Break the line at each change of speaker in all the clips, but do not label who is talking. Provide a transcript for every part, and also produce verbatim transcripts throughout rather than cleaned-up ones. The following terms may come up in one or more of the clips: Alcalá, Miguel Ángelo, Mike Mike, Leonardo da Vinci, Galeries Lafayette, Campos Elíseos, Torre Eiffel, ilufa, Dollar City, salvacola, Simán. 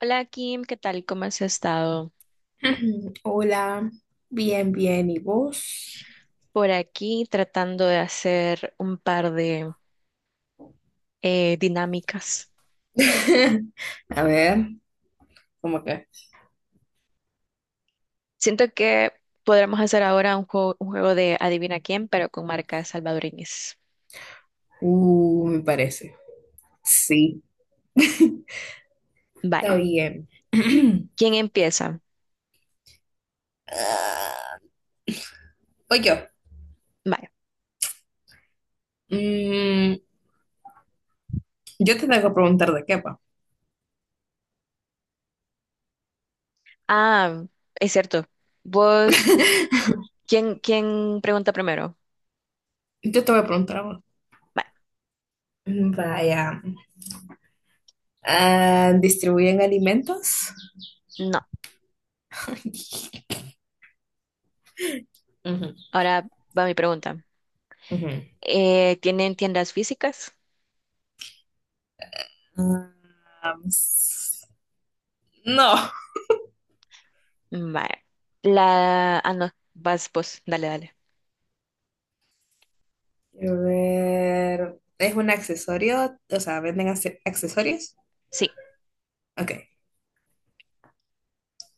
Hola Kim, ¿qué tal? ¿Cómo has estado?
Hola, bien, bien, ¿y vos?
Por aquí tratando de hacer un par de eh, dinámicas.
A ver, ¿cómo que?
Siento que podremos hacer ahora un juego, un juego de adivina quién, pero con marcas salvadoreñas.
Uh, me parece. Sí,
Vale.
está bien.
¿Quién empieza?
Ah, voy yo.
Vale.
Mm, yo te tengo que preguntar de qué va.
Ah, es cierto. Vos, ¿quién, quién pregunta primero?
Yo te voy a preguntar a vos.
Vale.
Vaya. Ah, ¿distribuyen alimentos?
No.
Ujú,
Ahora va mi pregunta.
ujú.
Eh, ¿tienen tiendas físicas?
Ah, s- no.
Vale. La... Ah, no. Vas vos. Dale, dale.
A ver, ¿es un accesorio? O sea, ¿venden acce- accesorios?
Sí.
Ok,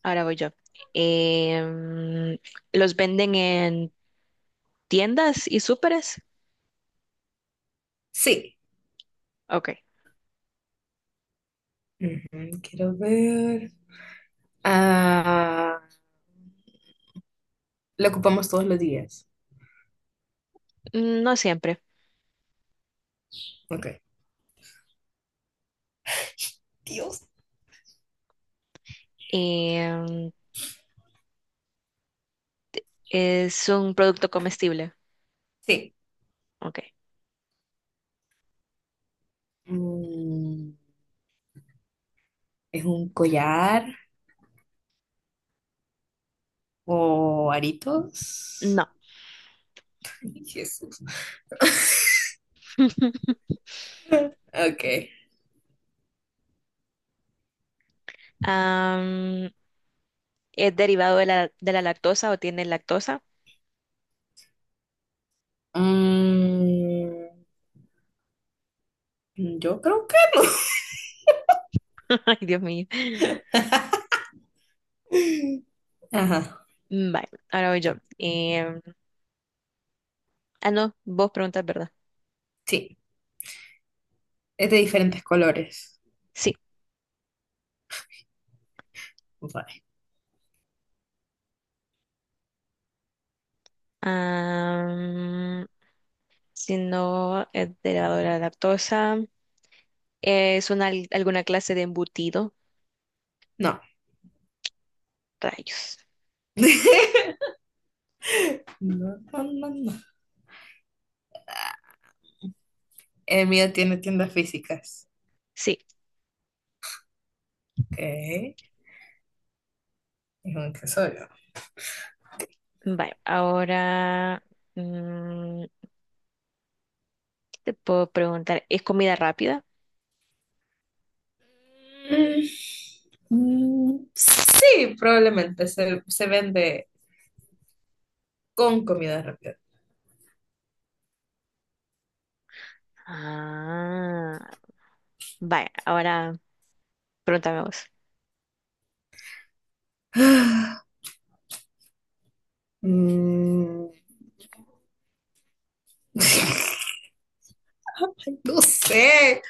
Ahora voy yo. Em, ¿los venden en tiendas y súperes?
sí.
Ok.
Ujú, quiero ver. Ah, lo ocupamos todos los días.
Mm, no siempre.
Ok. Dios.
Em, ¿es un producto comestible?
Sí.
Ok.
Mm, ¿es un collar o aritos?
No.
Ay, Jesús. Ok.
Am, ¿es derivado de la, de la lactosa o tiene lactosa?
Mm, yo creo que no.
Ay, Dios mío.
Ajá,
Mm, vale, ahora voy yo. Em, ah, no, vos preguntas, ¿verdad?
sí. Es de diferentes colores.
Sí.
Vale.
Am, si no es derivado de la lactosa, ¿es una, alguna clase de embutido?
No.
Rayos.
No, no, no, no. El mío tiene tiendas físicas.
Sí,
Ok, es un tesorio.
vale. Ahora, mm, ¿qué te puedo preguntar? ¿Es comida rápida?
Mm, mm, sí, probablemente se, se vende con comida rápida.
Ah, vale. Ahora, pregúntame vos.
Mm, ay, no sé.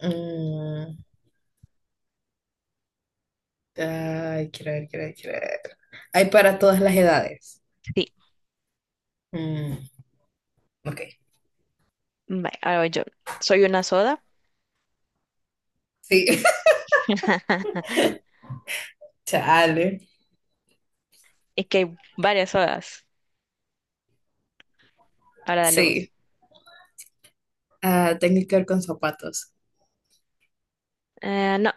Mm, ay, quiero ver, quiero ver, quiero ver. Hay para todas las edades.
Sí,
Mm, ok,
vale. Ahora voy yo. ¿Soy una soda?
sí. Chale.
Es que hay varias sodas. Ahora dale vos.
Sí, ah, tengo que ver con zapatos.
Eh, no,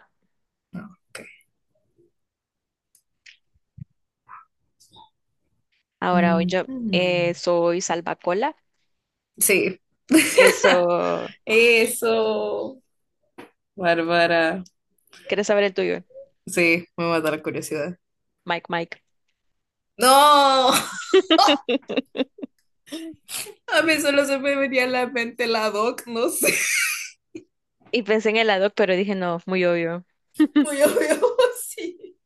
ahora voy yo.
Ujú.
Eh, ¿soy salvacola?
Sí,
Eso.
eso, Bárbara.
¿Quieres saber el tuyo?
Sí, me mata la curiosidad.
Mike, Mike.
No, a mí solo se me venía a la mente la doc, no sé.
Y pensé en helado, pero dije, no, muy obvio.
Muy obvio, sí.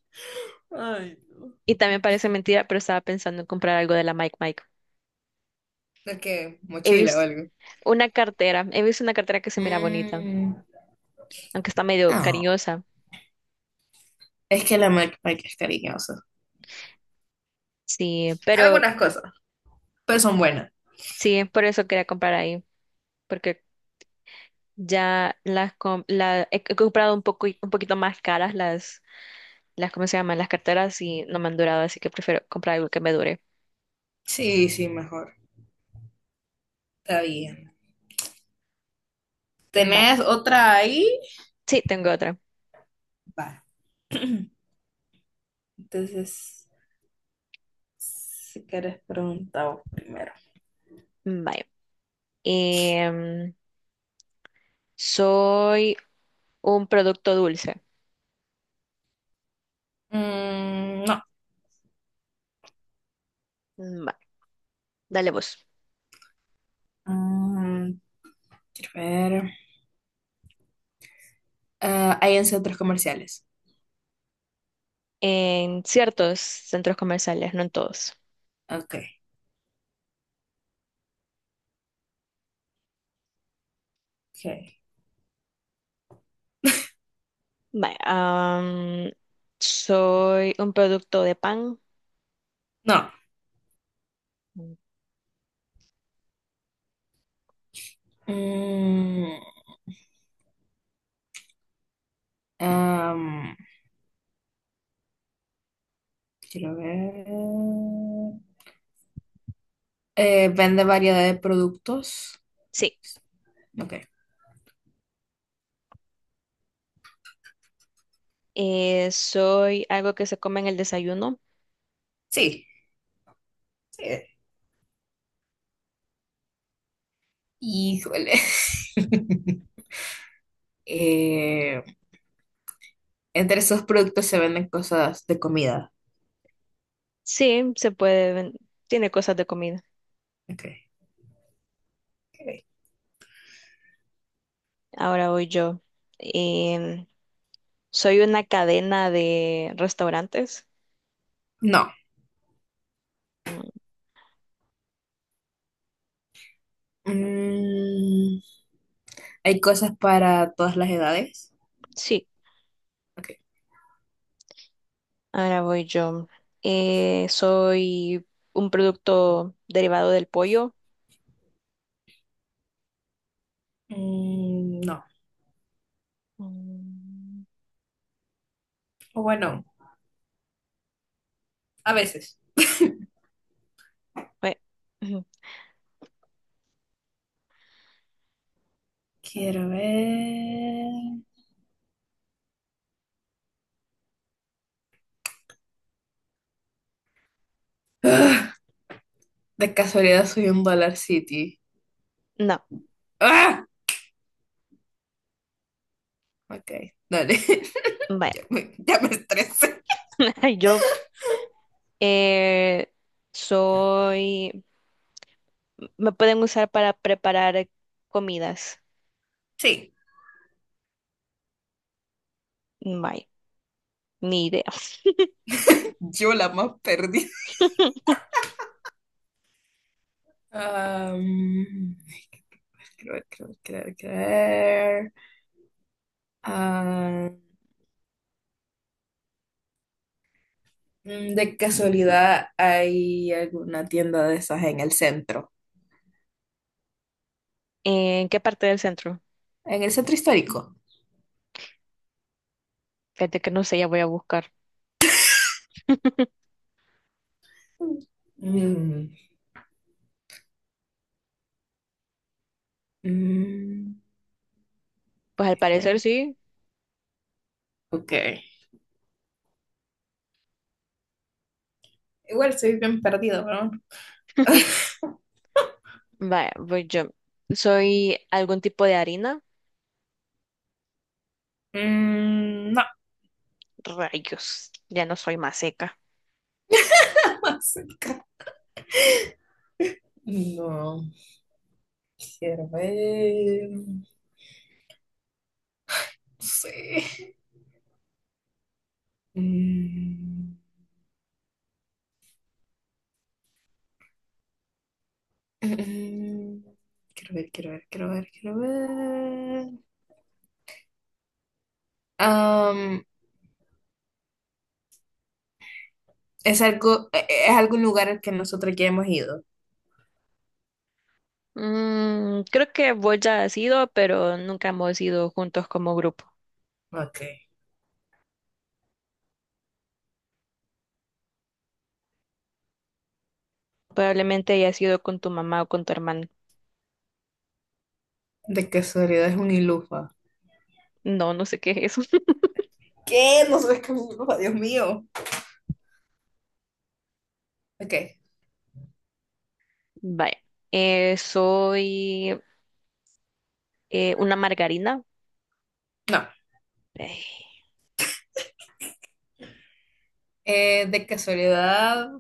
Ay, no.
Y también parece mentira, pero estaba pensando en comprar algo de la Mike Mike.
¿De qué?
He
Mochila o
visto
algo.
una cartera, he visto una cartera que se mira bonita,
Mm,
aunque está medio
no,
cariñosa.
es que la Mac es cariñosa.
Sí, pero
Algunas cosas, pero son buenas.
sí, por eso quería comprar ahí, porque ya las com- la, he, he comprado un poco, un poquito más caras las, las, ¿cómo se llaman? Las carteras y no me han durado, así que prefiero comprar algo que me dure.
Sí, sí, mejor. Está bien.
Bye.
¿Tenés otra ahí?
Sí, tengo otra.
Va. Entonces, si quieres preguntar vos primero.
Bye. Em, soy un producto dulce.
Mm, no.
Bye. Dale vos.
Mm, quiero ver. Ah, hay en centros comerciales.
En ciertos centros comerciales, no en todos.
Ok, ok.
Vale, am, soy un producto de pan.
No. Mm, am, quiero ver. Eh, vende variedad de productos.
Sí.
Ok.
Eh, soy algo que se come en el desayuno.
Sí, sí. Híjole. Eh, entre esos productos se venden cosas de comida.
Sí, se puede. ven- Tiene cosas de comida.
Ok, ok.
Ahora voy yo. Em, soy una cadena de restaurantes.
No.
Mm,
Mm, hay cosas para todas las edades.
sí,
Ok.
ahora voy yo. Eh, soy un producto derivado del pollo.
Mm, no.
Mm,
O bueno, a veces.
bue- ujú.
Quiero ver. ¡Ah! De casualidad soy un Dollar City.
No.
¡Ah! Ok, dale.
Bueno,
Ya me, ya me estresé.
yo eh, soy, me pueden usar para preparar comidas.
Sí.
Vaya, ni idea.
Yo la más perdida. Am, quiero ver, quiero ver, quiero ver, quiero ver. Am, mm, de casualidad hay alguna tienda de esas en el centro.
¿En qué parte del centro?
En el centro histórico.
Fíjate que no sé, ya voy a buscar.
Mm, mm,
Pues al
quiero
parecer
ver.
sí.
Ok. Igual soy bien perdido, ¿no?
Vaya, voy yo. Soy algún tipo de harina.
Mm, no,
Rayos, ya no soy más seca.
música. No, quiero ver. No sé. Mm, mm, quiero ver, quiero ver, quiero ver, quiero ver. Am, es algo, eh, eh, es algún lugar al que nosotros ya hemos ido.
Mm, creo que vos ya has ido, pero nunca hemos ido juntos como grupo.
Ok.
Probablemente hayas ido con tu mamá o con tu hermana.
De casualidad es un ilufa.
No, no sé qué es eso.
¿Qué? No sabes qué es un ilufa, Dios mío. Ok,
Vaya. Eh, soy eh, una margarina.
no.
Ay,
Eh, de casualidad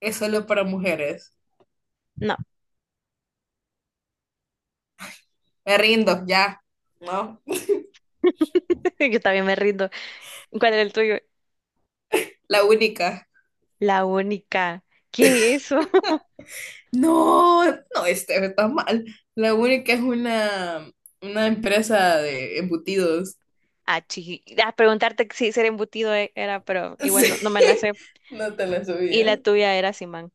es solo para mujeres.
no,
Me rindo, ya. No.
yo también me rindo. ¿Cuál era el tuyo?
La única.
La única. ¿Qué es eso?
No, no, este está mal. La única es una, una empresa de embutidos.
Ah, chi- ah, preguntarte si ser embutido e- era, pero igual no, no me la
Sí,
sé.
no te la
Y la
subías.
tuya era Simán.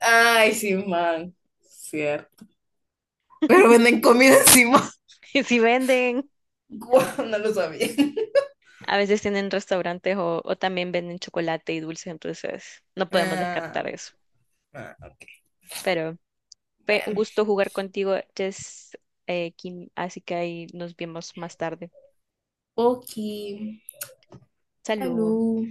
Ay, sí, man. Cierto. Pero venden comida encima.
Si venden,
Guau, no lo sabía.
a veces tienen restaurantes o, o también venden chocolate y dulces, entonces no podemos
Ah,
descartar eso.
ah,
Pero fue un
bueno.
gusto jugar contigo, Jess, eh, Kim, así que ahí nos vemos más tarde.
Oki,
Salud.
salud.